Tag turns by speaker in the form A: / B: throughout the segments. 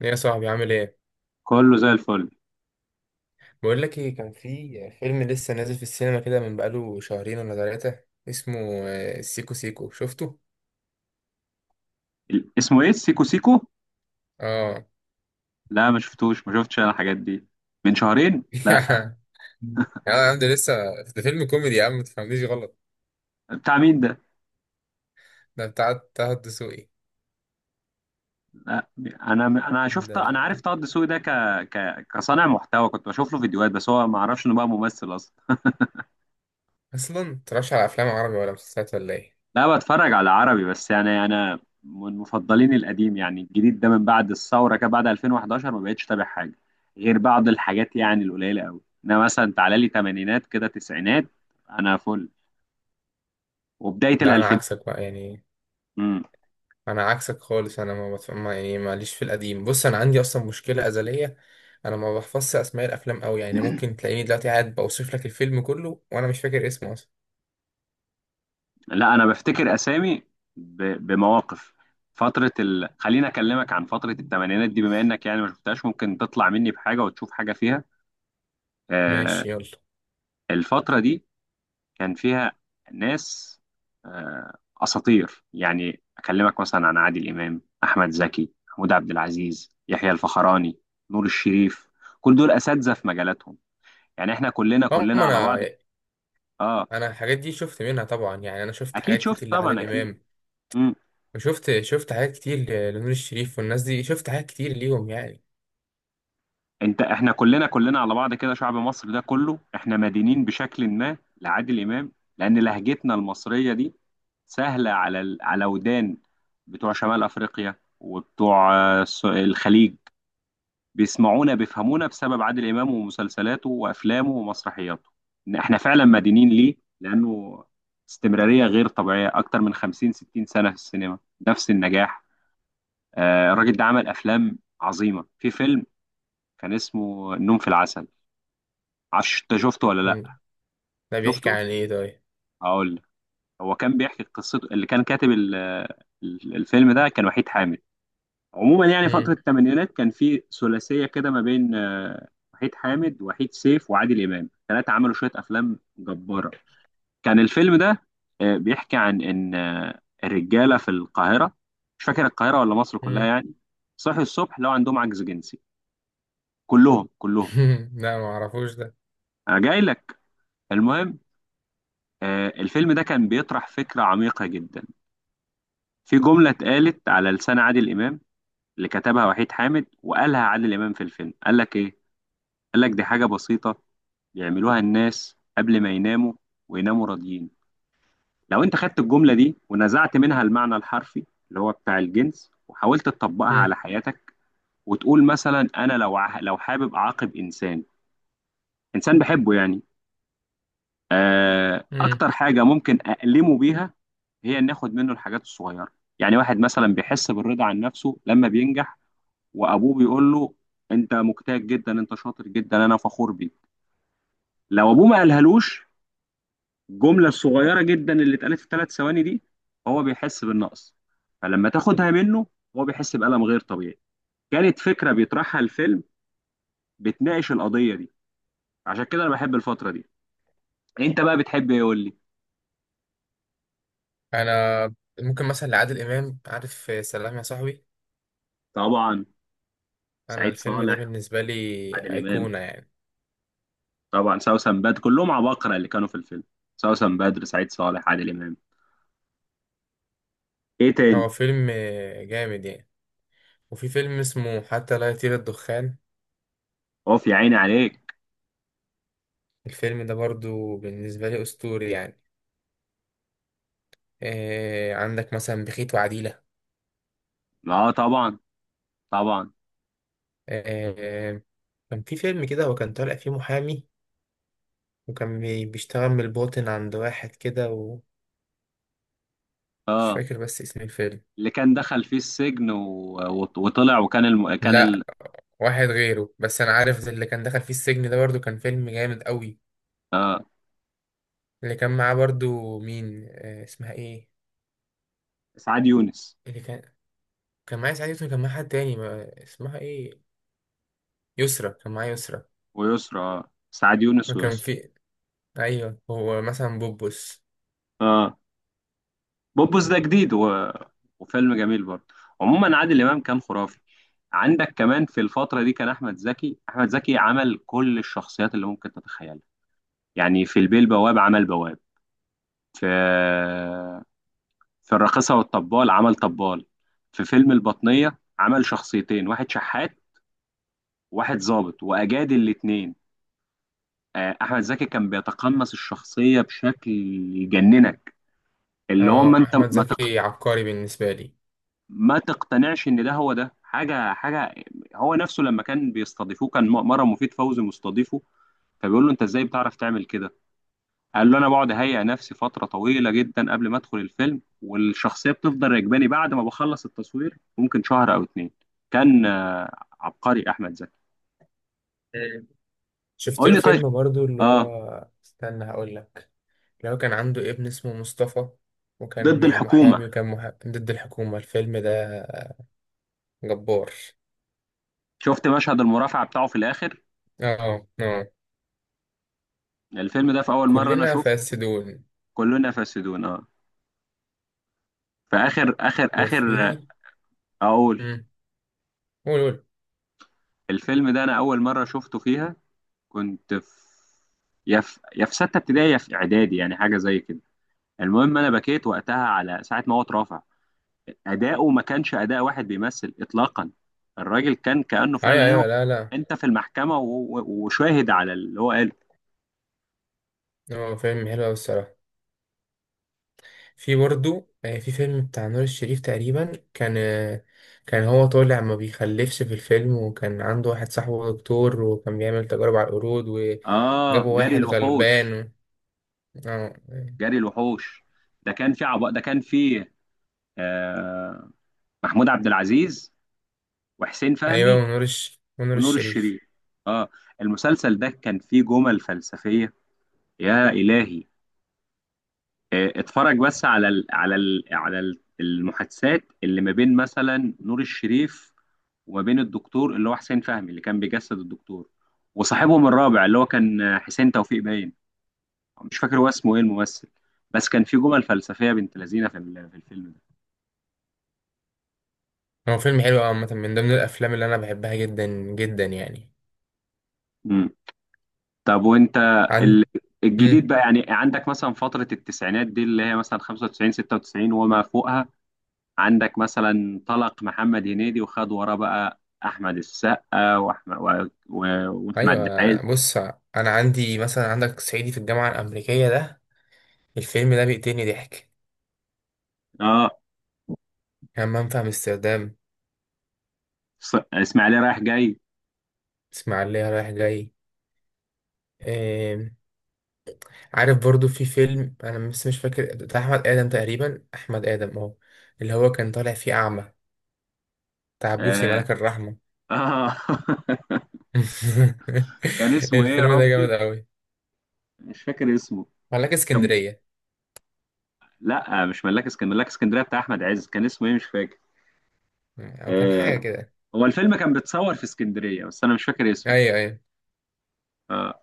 A: يا صاحبي، عامل ايه؟
B: كله زي الفل.
A: بقول لك ايه، كان في فيلم لسه نازل في السينما كده من بقاله شهرين ولا ثلاثة. اسمه سيكو سيكو. شفته؟
B: اسمه ايه سيكو سيكو؟
A: اه.
B: لا، ما شفتوش، ما شفتش انا الحاجات دي. من شهرين؟ لا.
A: يا عم ده لسه، ده فيلم كوميدي يا عم، ما تفهمنيش غلط.
B: بتاع مين ده؟
A: ده بتاع طه الدسوقي.
B: لا، انا شفت، انا عارف
A: ده
B: طه الدسوقي ده كصانع محتوى، كنت بشوف له فيديوهات، بس هو ما اعرفش انه بقى ممثل اصلا.
A: اصلا متتفرجش على افلام عربي ولا مسلسلات ولا ايه؟
B: لا، بتفرج على عربي، بس يعني انا من مفضلين القديم، يعني الجديد ده من بعد الثوره كده بعد 2011 ما بقتش تابع حاجه غير بعض الحاجات يعني القليله قوي، انا مثلا تعالى لي تمانينات كده تسعينات. انا فل، وبدايه
A: ده انا
B: الالفينات.
A: عكسك بقى يعني، انا عكسك خالص. انا ما بتف- ما- يعني ماليش في القديم. بص، انا عندي اصلا مشكلة ازلية. انا ما بحفظش اسماء الافلام قوي، يعني ممكن تلاقيني دلوقتي قاعد بوصف لك الفيلم كله وانا مش فاكر اسمه اصلا.
B: لا انا بفتكر اسامي بمواقف. خليني اكلمك عن فتره الثمانينات دي بما انك يعني ما شفتهاش، ممكن تطلع مني بحاجه وتشوف حاجه فيها. آه
A: ماشي، يلا.
B: الفتره دي كان فيها ناس آه اساطير، يعني اكلمك مثلا عن عادل امام، احمد زكي، محمود عبد العزيز، يحيى الفخراني، نور الشريف. كل دول اساتذه في مجالاتهم، يعني احنا كلنا
A: هم،
B: كلنا على
A: انا
B: بعض. اه،
A: انا الحاجات دي شفت منها طبعا، يعني انا شفت
B: اكيد
A: حاجات
B: شفت
A: كتير
B: طبعا،
A: لعادل
B: اكيد.
A: امام.
B: مم.
A: وشفت حاجات كتير لنور الشريف والناس دي، شفت حاجات كتير ليهم يعني.
B: انت احنا كلنا كلنا على بعض كده، شعب مصر ده كله احنا مدينين بشكل ما لعادل امام، لان لهجتنا المصريه دي سهله على على ودان بتوع شمال افريقيا وبتوع الخليج، بيسمعونا بيفهمونا بسبب عادل امام ومسلسلاته وافلامه ومسرحياته. ان احنا فعلا مدينين ليه، لانه استمراريه غير طبيعيه اكتر من 50 60 سنه في السينما، نفس النجاح. الراجل ده عمل افلام عظيمه، في فيلم كان اسمه النوم في العسل. عش انت شفته ولا
A: يعني
B: لا؟
A: ده بيحكي
B: شفته،
A: عن ايه طيب؟
B: هقول لك. هو كان بيحكي قصته، اللي كان كاتب الفيلم ده كان وحيد حامد. عموما يعني فترة
A: مم.
B: الثمانينات كان في ثلاثية كده ما بين وحيد حامد وحيد سيف وعادل إمام، ثلاثة عملوا شوية أفلام جبارة. كان الفيلم ده بيحكي عن إن الرجالة في القاهرة، مش فاكر القاهرة ولا مصر كلها
A: مم.
B: يعني، صحي الصبح لو عندهم عجز جنسي، كلهم كلهم.
A: لا، ما اعرفوش ده.
B: أنا جاي لك. المهم الفيلم ده كان بيطرح فكرة عميقة جدا، في جملة اتقالت على لسان عادل إمام، اللي كتبها وحيد حامد وقالها عادل إمام في الفيلم، قال لك إيه؟ قال لك دي حاجة بسيطة بيعملوها الناس قبل ما يناموا، ويناموا راضيين. لو أنت خدت الجملة دي ونزعت منها المعنى الحرفي اللي هو بتاع الجنس، وحاولت تطبقها
A: مم.
B: على حياتك، وتقول مثلا أنا لو لو حابب أعاقب إنسان، إنسان بحبه يعني،
A: مم.
B: أكتر حاجة ممكن أألمه بيها هي إن آخد منه الحاجات الصغيرة. يعني واحد مثلا بيحس بالرضا عن نفسه لما بينجح، وابوه بيقول له انت مجتهد جدا، انت شاطر جدا، انا فخور بيك. لو ابوه ما قالهالوش الجمله الصغيره جدا اللي اتقالت في 3 ثواني دي، هو بيحس بالنقص، فلما تاخدها منه هو بيحس بألم غير طبيعي. كانت فكره بيطرحها الفيلم، بتناقش القضيه دي. عشان كده انا بحب الفتره دي. انت بقى بتحب ايه قول لي؟
A: انا ممكن مثلا لعادل امام، عارف، سلام يا صاحبي.
B: طبعا.
A: انا
B: سعيد
A: الفيلم ده
B: صالح،
A: بالنسبه لي
B: عادل امام.
A: ايقونه يعني.
B: طبعا سوسن بدر، كلهم عباقرة اللي كانوا في الفيلم، سوسن بدر سعيد صالح عادل امام. ايه تاني؟
A: هو فيلم جامد يعني. وفي فيلم اسمه حتى لا يطير الدخان،
B: اوف يا عيني عليك.
A: الفيلم ده برضو بالنسبه لي اسطوري يعني. عندك مثلا بخيت وعديلة.
B: اه طبعا، طبعا.
A: آه، كان في فيلم كده، هو كان طالع فيه محامي، وكان بيشتغل من الباطن عند واحد كده، ومش
B: اه،
A: فاكر بس اسم الفيلم.
B: اللي كان دخل فيه السجن وطلع، وكان
A: لا، واحد غيره، بس انا عارف ده اللي كان دخل فيه السجن، ده برضو كان فيلم جامد قوي.
B: آه
A: اللي كان معاه برضو مين، اسمها ايه؟
B: سعاد يونس
A: اللي كان، كان معاه سعاد يوسف، كان معاه حد تاني ما... اسمها ايه؟ يسرا، كان معاه يسرا.
B: ويسرا، سعاد يونس
A: وكان
B: ويسرا.
A: في، ايوه هو مثلا بوبوس.
B: اه، بوبوس ده جديد وفيلم جميل برضه. عموما عادل امام كان خرافي. عندك كمان في الفتره دي كان احمد زكي، احمد زكي عمل كل الشخصيات اللي ممكن تتخيلها، يعني في البيه البواب عمل بواب، في في الراقصه والطبال عمل طبال، في فيلم البطنيه عمل شخصيتين، واحد شحات واحد ضابط واجاد الاتنين. احمد زكي كان بيتقمص الشخصيه بشكل يجننك،
A: اه،
B: اللي هو ما انت
A: احمد زكي عبقري بالنسبة
B: ما تقتنعش ان ده هو، ده حاجه حاجه. هو نفسه لما كان بيستضيفوه، كان مره مفيد فوزي مستضيفه، فبيقول له انت ازاي بتعرف تعمل كده؟ قال له انا بقعد اهيئ نفسي فتره طويله جدا قبل ما ادخل الفيلم، والشخصيه بتفضل راكباني بعد ما بخلص التصوير ممكن شهر او اتنين. كان عبقري احمد زكي.
A: لي. شفت
B: قول
A: له
B: لي طيب.
A: فيلم برضو اللي
B: اه،
A: هو، استنى هقول لك. اللي هو كان عنده ابن اسمه مصطفى،
B: ضد
A: وكان
B: الحكومه.
A: محامي وكان محامي ضد الحكومة. الفيلم ده جبار.
B: شفت مشهد المرافعه بتاعه في الاخر؟
A: اه، اه،
B: الفيلم ده في اول مره انا
A: كلنا
B: شفته،
A: فاسدون.
B: كلنا فاسدون اه، فاخر اخر اخر.
A: وفي،
B: اقول.
A: امم قول قول.
B: الفيلم ده انا اول مره شفته فيها كنت في يا في سته ابتدائي، يا في اعدادي، يعني حاجه زي كده. المهم انا بكيت وقتها على ساعه ما هو اترفع، اداؤه ما كانش اداء واحد بيمثل اطلاقا، الراجل كان كانه
A: ايوه،
B: فعلا هو
A: ايوه، لا، لا.
B: انت في المحكمه وشاهد على اللي هو قاله.
A: اه، فيلم حلو أوي الصراحة. في برضو في فيلم بتاع نور الشريف، تقريبا كان كان هو طالع ما بيخلفش في الفيلم، وكان عنده واحد صاحبه دكتور، وكان بيعمل تجارب على القرود
B: اه،
A: وجابوا
B: جري
A: واحد
B: الوحوش.
A: غلبان. اه،
B: جري الوحوش ده كان في آه محمود عبد العزيز وحسين
A: ايوه،
B: فهمي
A: ونور
B: ونور
A: الشريف.
B: الشريف. اه، المسلسل ده كان فيه جمل فلسفية يا إلهي. اتفرج بس على المحادثات اللي ما بين مثلا نور الشريف، وما بين الدكتور اللي هو حسين فهمي اللي كان بيجسد الدكتور، وصاحبهم الرابع اللي هو كان حسين توفيق باين، مش فاكر هو اسمه ايه الممثل. بس كان في جمل فلسفية بنت لذينة في الفيلم ده.
A: هو فيلم حلو أوي عامة، من ضمن الافلام اللي انا بحبها جدا جدا يعني.
B: مم. طب وانت ال-
A: عند،
B: الجديد
A: امم
B: بقى، يعني عندك مثلا فترة التسعينات دي اللي هي مثلا 95 96 وما فوقها، عندك مثلا طلق محمد هنيدي، وخد وراه بقى احمد السقا واحمد واحمد عز.
A: ايوه، بص، انا عندي مثلا، عندك صعيدي في الجامعة الامريكية ده، الفيلم ده بيقتلني ضحك.
B: اه.
A: همام في امستردام.
B: اسماعيليه رايح جاي.
A: اسماعيلية رايح جاي. إيه... عارف برضو في فيلم، انا بس مش فاكر، بتاع احمد ادم تقريبا، احمد ادم، اه، اللي هو كان طالع فيه اعمى، بتاع بوسي،
B: اه،
A: ملاك الرحمة.
B: آه. كان اسمه ايه يا
A: الفيلم ده
B: ربي؟
A: جامد أوي.
B: مش فاكر اسمه.
A: ملاك
B: كان،
A: اسكندرية،
B: لا مش ملاك اسكندريه، ملاك اسكندريه بتاع احمد عز، كان اسمه ايه مش فاكر.
A: أو كان حاجة
B: آه.
A: كده.
B: هو الفيلم كان بيتصور في اسكندريه، بس انا مش فاكر اسمه.
A: أيوه، أيوه.
B: آه.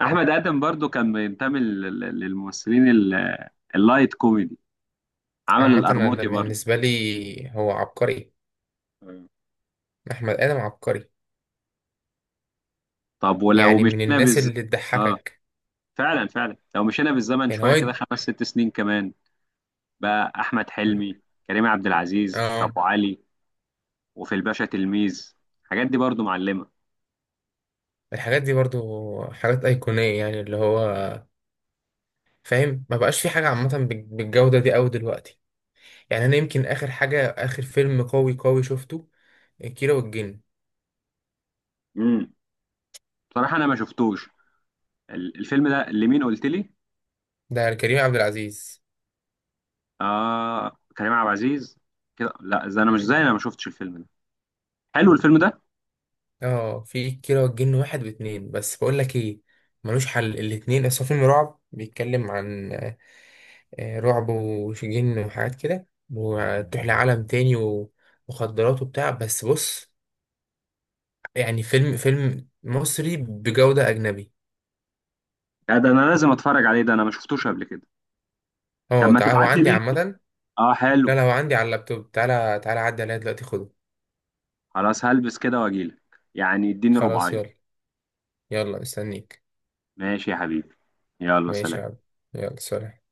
B: احمد ادم برضو كان بينتمي للممثلين اللايت كوميدي، عمل
A: عامة أنا
B: القرموطي برضو.
A: بالنسبة لي هو عبقري،
B: آه.
A: أحمد آدم عبقري،
B: طب ولو
A: يعني من
B: مشينا
A: الناس
B: بالز
A: اللي
B: اه،
A: تضحكك.
B: فعلا فعلا، لو مشينا بالزمن
A: يعني
B: شويه
A: هو
B: كده
A: يد...
B: 5 6 سنين كمان بقى احمد حلمي، كريم عبد العزيز في
A: آه
B: ابو علي، وفي الباشا تلميذ، الحاجات دي برضو معلمه.
A: الحاجات دي برضو، حاجات أيقونية، يعني اللي هو فاهم، ما بقاش في حاجة عامة بالجودة دي أوي دلوقتي. يعني أنا يمكن آخر حاجة، آخر فيلم قوي قوي شفته، كيرة والجن.
B: امم. بصراحه انا ما شفتوش، الفيلم ده لمين قلت لي؟
A: ده كريم عبد العزيز.
B: اه كريم عبد العزيز، كده لا، زي انا ما شفتش الفيلم ده. حلو الفيلم ده.
A: اه، في كيرة والجن واحد واتنين، بس بقول لك ايه، ملوش حل الاتنين. اصل هو فيلم رعب بيتكلم عن رعب وجن وحاجات كده، وتروح لعالم تاني ومخدرات وبتاع، بس بص، يعني فيلم مصري بجودة أجنبي.
B: لا، ده انا لازم اتفرج عليه، ده انا ما شفتوش قبل كده. طب
A: اه،
B: ما
A: تعال، هو
B: تبعت لي
A: عندي
B: لينك،
A: عامة.
B: اه حلو.
A: لا، لا، هو عندي على اللابتوب، تعالى تعالى عدي عليا دلوقتي خده.
B: خلاص هلبس كده واجيلك، يعني اديني
A: خلاص،
B: ربعين.
A: يلا. يلا مستنيك.
B: ماشي يا حبيبي، يلا
A: ماشي يا
B: سلام.
A: عم. يلا سلام.